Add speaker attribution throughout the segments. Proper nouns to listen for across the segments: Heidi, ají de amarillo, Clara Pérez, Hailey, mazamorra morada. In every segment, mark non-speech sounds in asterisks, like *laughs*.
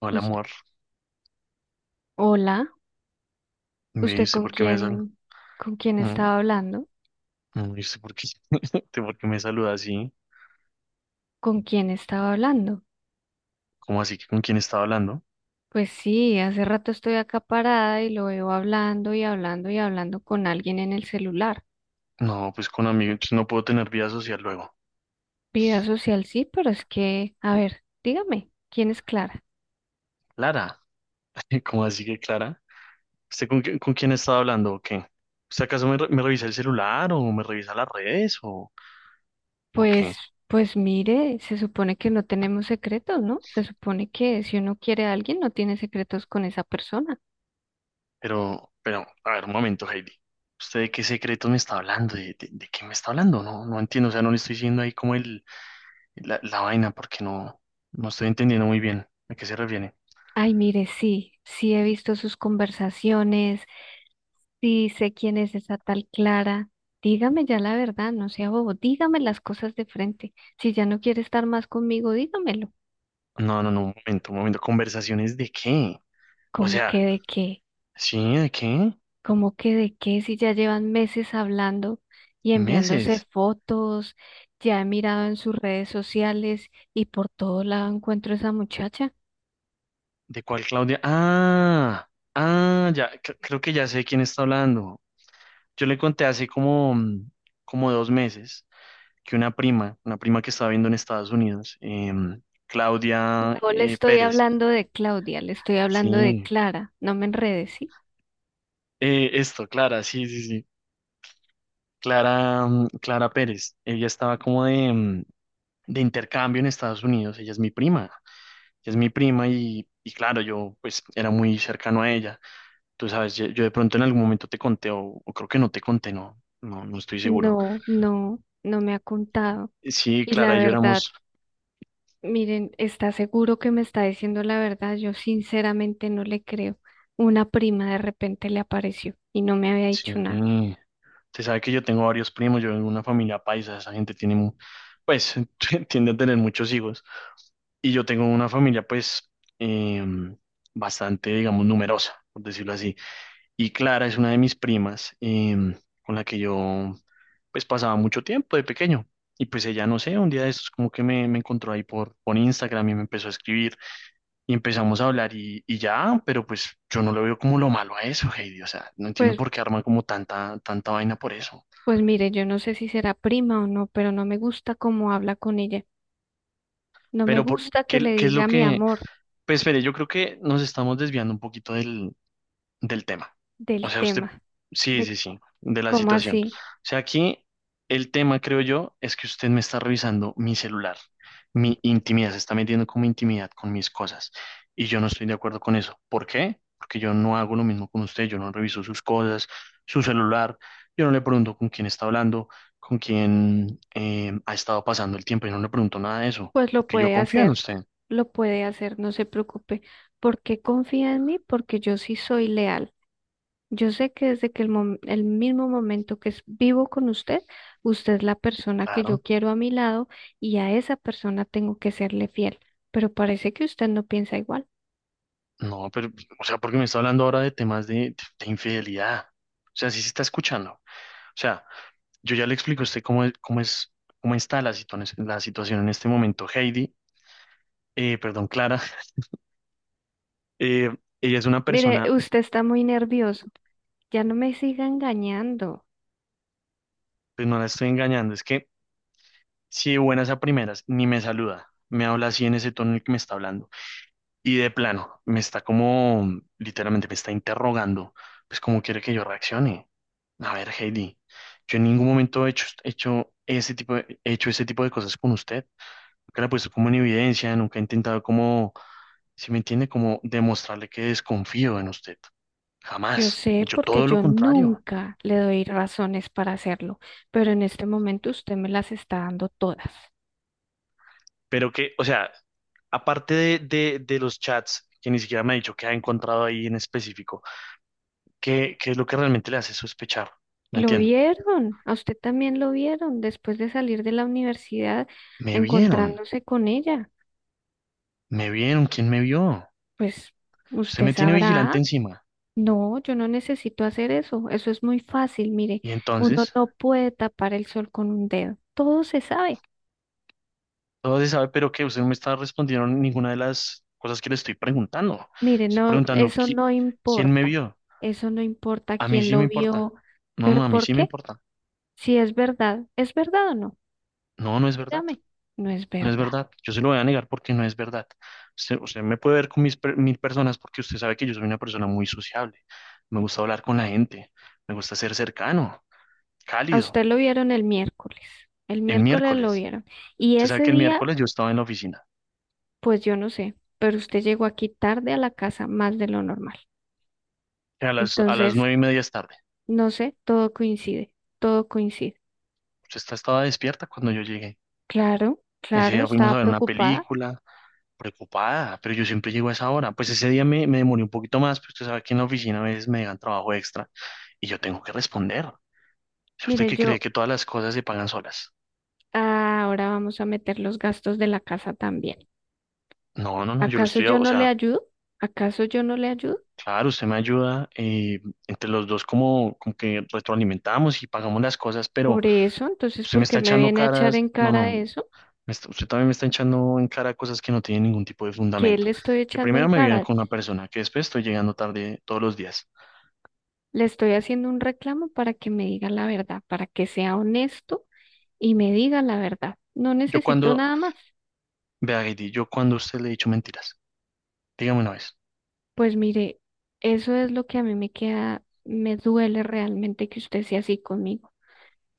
Speaker 1: Hola,
Speaker 2: Us-
Speaker 1: amor.
Speaker 2: Hola,
Speaker 1: Me
Speaker 2: ¿usted
Speaker 1: dice por qué me sal...
Speaker 2: con quién
Speaker 1: mm,
Speaker 2: estaba hablando?
Speaker 1: me dice por qué... *laughs* de por qué me saluda así.
Speaker 2: ¿Con quién estaba hablando?
Speaker 1: ¿Cómo así que con quién estaba hablando?
Speaker 2: Pues sí, hace rato estoy acá parada y lo veo hablando y hablando y hablando con alguien en el celular.
Speaker 1: No, pues con amigos. No puedo tener vida social luego.
Speaker 2: Vida social sí, pero es que, a ver, dígame, ¿quién es Clara?
Speaker 1: Clara. *laughs* ¿Cómo así que Clara? ¿Usted con quién estaba hablando o qué? ¿Usted acaso me revisa el celular o me revisa las redes o
Speaker 2: Pues,
Speaker 1: qué?
Speaker 2: pues mire, se supone que no tenemos secretos, ¿no? Se supone que si uno quiere a alguien no tiene secretos con esa persona.
Speaker 1: Pero, a ver, un momento, Heidi. ¿Usted de qué secreto me está hablando? ¿De qué me está hablando? No, no entiendo. O sea, no le estoy diciendo ahí como la vaina porque no, no estoy entendiendo muy bien a qué se refiere.
Speaker 2: Ay, mire, sí, sí he visto sus conversaciones. Sí, sé quién es esa tal Clara. Dígame ya la verdad, no sea bobo. Dígame las cosas de frente. Si ya no quiere estar más conmigo, dígamelo.
Speaker 1: No, no, no, un momento, un momento. ¿Conversaciones de qué? O
Speaker 2: ¿Cómo
Speaker 1: sea,
Speaker 2: que de qué?
Speaker 1: sí, ¿de qué?
Speaker 2: ¿Cómo que de qué? Si ya llevan meses hablando y enviándose
Speaker 1: ¿Meses?
Speaker 2: fotos, ya he mirado en sus redes sociales y por todo lado encuentro a esa muchacha.
Speaker 1: ¿De cuál Claudia? Ah, ya, creo que ya sé quién está hablando. Yo le conté hace como 2 meses que una prima que estaba viendo en Estados Unidos, Claudia
Speaker 2: No le estoy
Speaker 1: Pérez,
Speaker 2: hablando de Claudia, le estoy hablando de
Speaker 1: sí,
Speaker 2: Clara. No me enredes, ¿sí?
Speaker 1: esto, Clara, sí, sí, sí, Clara Pérez, ella estaba como de intercambio en Estados Unidos, ella es mi prima. Que es mi prima y claro, yo pues era muy cercano a ella. Tú sabes, yo de pronto en algún momento te conté o creo que no te conté, no, no, no estoy seguro.
Speaker 2: No, no, no me ha contado.
Speaker 1: Sí,
Speaker 2: Y la
Speaker 1: Clara y yo
Speaker 2: verdad.
Speaker 1: éramos,
Speaker 2: Miren, ¿está seguro que me está diciendo la verdad? Yo sinceramente no le creo. Una prima de repente le apareció y no me había
Speaker 1: sí,
Speaker 2: dicho nada.
Speaker 1: usted sabe que yo tengo varios primos, yo vengo de una familia paisa, esa gente tiene, pues *laughs* tiende a tener muchos hijos y yo tengo una familia pues eh, bastante, digamos, numerosa, por decirlo así. Y Clara es una de mis primas, con la que yo pues pasaba mucho tiempo de pequeño. Y pues ella, no sé, un día de estos como que me encontró ahí por Instagram y me empezó a escribir y empezamos a hablar y ya, pero pues yo no le veo como lo malo a eso, Heidi. O sea, no entiendo
Speaker 2: Pues,
Speaker 1: por qué arman como tanta, tanta vaina por eso.
Speaker 2: pues mire, yo no sé si será prima o no, pero no me gusta cómo habla con ella. No me
Speaker 1: Pero por,
Speaker 2: gusta que
Speaker 1: ¿qué,
Speaker 2: le
Speaker 1: qué es lo
Speaker 2: diga mi
Speaker 1: que...
Speaker 2: amor
Speaker 1: Pues espere, yo creo que nos estamos desviando un poquito del tema. O
Speaker 2: del
Speaker 1: sea, usted,
Speaker 2: tema,
Speaker 1: sí,
Speaker 2: de
Speaker 1: sí, sí, de la
Speaker 2: cómo
Speaker 1: situación. O
Speaker 2: así.
Speaker 1: sea, aquí el tema, creo yo, es que usted me está revisando mi celular, mi intimidad, se está metiendo con mi intimidad, con mis cosas. Y yo no estoy de acuerdo con eso. ¿Por qué? Porque yo no hago lo mismo con usted, yo no reviso sus cosas, su celular, yo no le pregunto con quién está hablando, con quién ha estado pasando el tiempo, yo no le pregunto nada de eso,
Speaker 2: Pues
Speaker 1: porque yo confío en usted.
Speaker 2: lo puede hacer, no se preocupe. ¿Por qué confía en mí? Porque yo sí soy leal. Yo sé que desde que el mismo momento que es vivo con usted, usted es la persona que
Speaker 1: Claro.
Speaker 2: yo quiero a mi lado y a esa persona tengo que serle fiel, pero parece que usted no piensa igual.
Speaker 1: No, pero, o sea, porque me está hablando ahora de temas de infidelidad. O sea, sí se está escuchando. O sea, yo ya le explico a usted cómo está la situación en este momento. Heidi, perdón, Clara, *laughs* eh, ella es una
Speaker 2: Mire,
Speaker 1: persona,
Speaker 2: usted está muy nervioso, ya no me siga engañando.
Speaker 1: pues no la estoy engañando, es que si de buenas a primeras ni me saluda, me habla así en ese tono en el que me está hablando. Y de plano, me está como, literalmente me está interrogando, pues cómo quiere que yo reaccione. A ver, Heidi, yo en ningún momento he hecho, hecho ese tipo de, he hecho ese tipo de cosas con usted. Nunca la he puesto como en evidencia, nunca he intentado como, si me entiende, como demostrarle que desconfío en usted.
Speaker 2: Yo
Speaker 1: Jamás. He
Speaker 2: sé
Speaker 1: hecho
Speaker 2: porque
Speaker 1: todo lo
Speaker 2: yo
Speaker 1: contrario.
Speaker 2: nunca le doy razones para hacerlo, pero en este momento usted me las está dando todas.
Speaker 1: Pero que, o sea, aparte de los chats, que ni siquiera me ha dicho que ha encontrado ahí en específico, ¿qué es lo que realmente le hace sospechar? No
Speaker 2: Lo
Speaker 1: entiendo.
Speaker 2: vieron, a usted también lo vieron después de salir de la universidad
Speaker 1: Me vieron.
Speaker 2: encontrándose con ella.
Speaker 1: Me vieron, ¿quién me vio?
Speaker 2: Pues
Speaker 1: Usted
Speaker 2: usted
Speaker 1: me tiene
Speaker 2: sabrá.
Speaker 1: vigilante encima.
Speaker 2: No, yo no necesito hacer eso. Eso es muy fácil. Mire,
Speaker 1: Y
Speaker 2: uno
Speaker 1: entonces,
Speaker 2: no puede tapar el sol con un dedo. Todo se sabe.
Speaker 1: todo se sabe, pero que usted no me está respondiendo ninguna de las cosas que le estoy preguntando.
Speaker 2: Mire,
Speaker 1: Estoy
Speaker 2: no,
Speaker 1: preguntando,
Speaker 2: eso
Speaker 1: ¿qui-
Speaker 2: no
Speaker 1: ¿quién me
Speaker 2: importa.
Speaker 1: vio?
Speaker 2: Eso no importa
Speaker 1: A mí
Speaker 2: quién
Speaker 1: sí me
Speaker 2: lo
Speaker 1: importa.
Speaker 2: vio.
Speaker 1: No, no,
Speaker 2: Pero
Speaker 1: a mí
Speaker 2: ¿por
Speaker 1: sí me
Speaker 2: qué?
Speaker 1: importa.
Speaker 2: Si es verdad, ¿es verdad o no?
Speaker 1: No, no es verdad.
Speaker 2: Dígame. No es
Speaker 1: No es
Speaker 2: verdad.
Speaker 1: verdad. Yo se lo voy a negar porque no es verdad. Usted me puede ver con mis mil personas porque usted sabe que yo soy una persona muy sociable. Me gusta hablar con la gente. Me gusta ser cercano,
Speaker 2: A
Speaker 1: cálido.
Speaker 2: usted lo vieron el miércoles. El
Speaker 1: El
Speaker 2: miércoles lo
Speaker 1: miércoles.
Speaker 2: vieron. Y
Speaker 1: Usted sabe
Speaker 2: ese
Speaker 1: que el
Speaker 2: día,
Speaker 1: miércoles yo estaba en la oficina.
Speaker 2: pues yo no sé, pero usted llegó aquí tarde a la casa más de lo normal.
Speaker 1: A las
Speaker 2: Entonces...
Speaker 1: 9:30 es tarde.
Speaker 2: No sé, todo coincide, todo coincide.
Speaker 1: Esta estaba despierta cuando yo llegué.
Speaker 2: Claro,
Speaker 1: Ese
Speaker 2: claro,
Speaker 1: día fuimos
Speaker 2: estaba
Speaker 1: a ver una
Speaker 2: preocupada.
Speaker 1: película, preocupada, pero yo siempre llego a esa hora. Pues ese día me demoré un poquito más, pero usted sabe que en la oficina a veces me dan trabajo extra y yo tengo que responder. ¿Es usted
Speaker 2: Mire,
Speaker 1: que cree
Speaker 2: yo
Speaker 1: que todas las cosas se pagan solas?
Speaker 2: ahora vamos a meter los gastos de la casa también.
Speaker 1: No, no, no, yo lo
Speaker 2: ¿Acaso
Speaker 1: estoy,
Speaker 2: yo
Speaker 1: o
Speaker 2: no le
Speaker 1: sea,
Speaker 2: ayudo? ¿Acaso yo no le ayudo?
Speaker 1: claro, usted me ayuda, entre los dos como, como que retroalimentamos y pagamos las cosas, pero
Speaker 2: Por eso, entonces,
Speaker 1: usted me
Speaker 2: ¿por qué
Speaker 1: está
Speaker 2: me
Speaker 1: echando
Speaker 2: viene a echar
Speaker 1: caras.
Speaker 2: en
Speaker 1: No,
Speaker 2: cara
Speaker 1: no,
Speaker 2: eso?
Speaker 1: Usted también me está echando en cara cosas que no tienen ningún tipo de
Speaker 2: ¿Qué
Speaker 1: fundamento.
Speaker 2: le estoy
Speaker 1: Que
Speaker 2: echando en
Speaker 1: primero me viven
Speaker 2: cara?
Speaker 1: con una persona, que después estoy llegando tarde todos los días.
Speaker 2: Le estoy haciendo un reclamo para que me diga la verdad, para que sea honesto y me diga la verdad. No
Speaker 1: Yo
Speaker 2: necesito
Speaker 1: cuando,
Speaker 2: nada más.
Speaker 1: vea, Heidi, yo cuando a usted le he dicho mentiras, dígame una vez,
Speaker 2: Pues mire, eso es lo que a mí me queda, me duele realmente que usted sea así conmigo,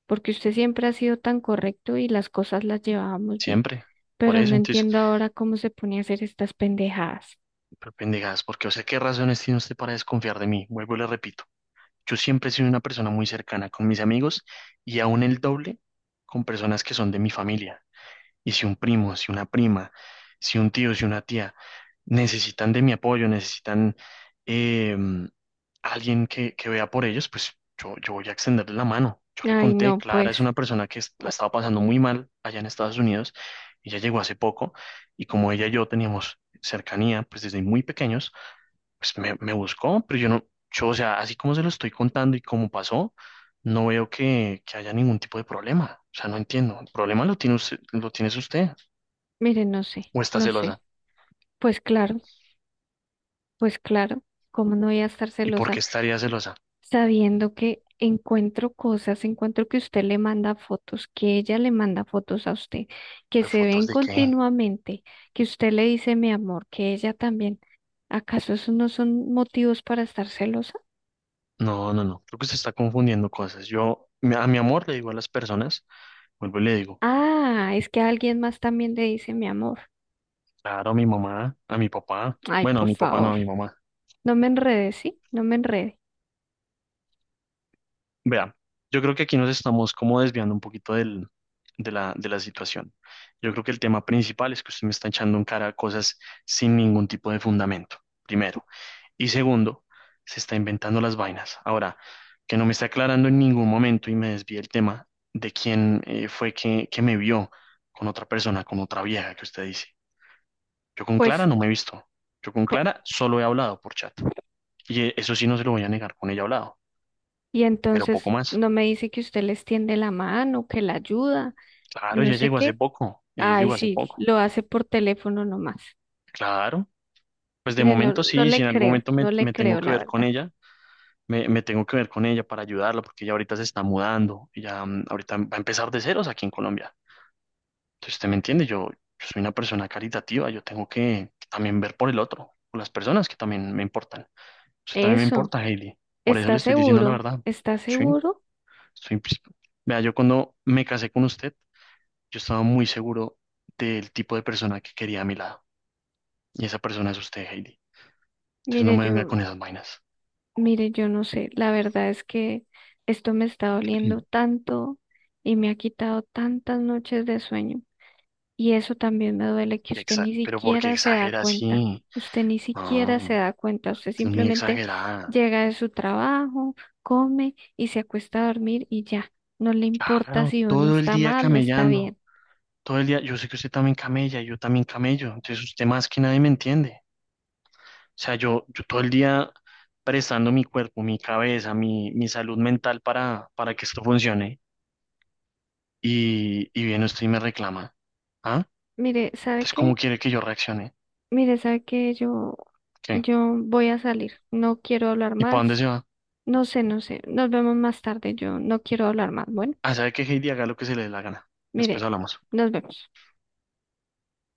Speaker 2: porque usted siempre ha sido tan correcto y las cosas las llevábamos bien,
Speaker 1: siempre. Por
Speaker 2: pero
Speaker 1: eso,
Speaker 2: no
Speaker 1: entonces,
Speaker 2: entiendo ahora cómo se pone a hacer estas pendejadas.
Speaker 1: pero pendejadas, porque, o sea, ¿qué razones tiene usted para desconfiar de mí? Vuelvo y le repito, yo siempre he sido una persona muy cercana con mis amigos y aún el doble con personas que son de mi familia. Y si un primo, si una prima, si un tío, si una tía necesitan de mi apoyo, necesitan eh, alguien que vea por ellos, pues yo voy a extenderle la mano. Yo le
Speaker 2: Ay,
Speaker 1: conté,
Speaker 2: no,
Speaker 1: Clara
Speaker 2: pues,
Speaker 1: es una persona que la estaba pasando muy mal allá en Estados Unidos, ella llegó hace poco y como ella y yo teníamos cercanía, pues desde muy pequeños, pues me buscó, pero yo no, yo, o sea, así como se lo estoy contando y cómo pasó, no veo que haya ningún tipo de problema. O sea, no entiendo. El problema lo tiene usted, lo tienes usted
Speaker 2: mire, no sé,
Speaker 1: o está
Speaker 2: no
Speaker 1: celosa.
Speaker 2: sé. Pues claro, pues claro, ¿cómo no voy a estar
Speaker 1: ¿Y por qué
Speaker 2: celosa
Speaker 1: estaría celosa?
Speaker 2: sabiendo que encuentro cosas, encuentro que usted le manda fotos, que ella le manda fotos a usted, que
Speaker 1: ¿Pues
Speaker 2: se
Speaker 1: fotos
Speaker 2: ven
Speaker 1: de qué?
Speaker 2: continuamente, que usted le dice mi amor, que ella también. ¿Acaso esos no son motivos para estar celosa?
Speaker 1: No, no, no. Creo que se está confundiendo cosas. Yo a mi amor le digo a las personas, vuelvo y le digo,
Speaker 2: Ah, es que alguien más también le dice mi amor.
Speaker 1: claro, a mi mamá, a mi papá.
Speaker 2: Ay,
Speaker 1: Bueno, a
Speaker 2: por
Speaker 1: mi papá no, a
Speaker 2: favor,
Speaker 1: mi mamá.
Speaker 2: no me enrede, ¿sí? No me enrede.
Speaker 1: Vea, yo creo que aquí nos estamos como desviando un poquito de la situación. Yo creo que el tema principal es que usted me está echando en cara cosas sin ningún tipo de fundamento. Primero. Y segundo, se está inventando las vainas. Ahora, que no me está aclarando en ningún momento y me desvía el tema de quién fue que me vio con otra persona, con otra vieja que usted dice. Yo con Clara
Speaker 2: Pues,
Speaker 1: no me he visto. Yo con
Speaker 2: co-
Speaker 1: Clara solo he hablado por chat. Y eso sí no se lo voy a negar, con ella he hablado,
Speaker 2: y
Speaker 1: pero poco
Speaker 2: entonces
Speaker 1: más.
Speaker 2: no me dice que usted le extiende la mano, que la ayuda, y
Speaker 1: Claro,
Speaker 2: no
Speaker 1: ella
Speaker 2: sé
Speaker 1: llegó hace
Speaker 2: qué.
Speaker 1: poco. Ella
Speaker 2: Ay,
Speaker 1: llegó hace
Speaker 2: sí,
Speaker 1: poco.
Speaker 2: lo hace por teléfono nomás.
Speaker 1: Claro. Pues de
Speaker 2: Mire, no,
Speaker 1: momento
Speaker 2: no
Speaker 1: sí, si
Speaker 2: le
Speaker 1: en algún
Speaker 2: creo,
Speaker 1: momento me,
Speaker 2: no le
Speaker 1: me tengo
Speaker 2: creo,
Speaker 1: que
Speaker 2: la
Speaker 1: ver con
Speaker 2: verdad.
Speaker 1: ella, me tengo que ver con ella para ayudarla, porque ella ahorita se está mudando, ella ahorita va a empezar de ceros aquí en Colombia. Entonces, usted me entiende, yo soy una persona caritativa, yo tengo que también ver por el otro, por las personas que también me importan. Usted también me
Speaker 2: Eso,
Speaker 1: importa, Hailey. Por eso le
Speaker 2: ¿está
Speaker 1: estoy diciendo la
Speaker 2: seguro?
Speaker 1: verdad.
Speaker 2: ¿Está
Speaker 1: Sí,
Speaker 2: seguro?
Speaker 1: soy... psi-. Vea, yo cuando me casé con usted, yo estaba muy seguro del tipo de persona que quería a mi lado. Y esa persona es usted, Hailey. Entonces no
Speaker 2: Mire,
Speaker 1: me venga
Speaker 2: yo,
Speaker 1: con esas vainas.
Speaker 2: mire, yo no sé. La verdad es que esto me está doliendo
Speaker 1: *clears throat*
Speaker 2: tanto y me ha quitado tantas noches de sueño. Y eso también me duele que usted ni
Speaker 1: Pero ¿por qué
Speaker 2: siquiera se da
Speaker 1: exagera
Speaker 2: cuenta.
Speaker 1: así?
Speaker 2: Usted ni siquiera
Speaker 1: No,
Speaker 2: se da cuenta. Usted
Speaker 1: es muy
Speaker 2: simplemente
Speaker 1: exagerada.
Speaker 2: llega de su trabajo, come y se acuesta a dormir y ya. No le importa
Speaker 1: Claro,
Speaker 2: si uno
Speaker 1: todo el
Speaker 2: está
Speaker 1: día
Speaker 2: mal o está
Speaker 1: camellando,
Speaker 2: bien.
Speaker 1: todo el día. Yo sé que usted también camella, yo también camello, entonces usted más que nadie me entiende. O sea, yo todo el día prestando mi cuerpo, mi cabeza, mi salud mental para que esto funcione y viene usted y me reclama. ¿Ah?
Speaker 2: Mire, ¿sabe
Speaker 1: Entonces, ¿cómo
Speaker 2: qué?
Speaker 1: quiere que yo reaccione?
Speaker 2: Mire, sabe que yo,
Speaker 1: ¿Qué?
Speaker 2: yo voy a salir, no quiero hablar
Speaker 1: ¿Y para dónde
Speaker 2: más,
Speaker 1: se va?
Speaker 2: no sé, no sé, nos vemos más tarde, yo no quiero hablar más. Bueno,
Speaker 1: Ah, sabe que Heidi, haga lo que se le dé la gana. Después
Speaker 2: mire,
Speaker 1: hablamos.
Speaker 2: nos vemos.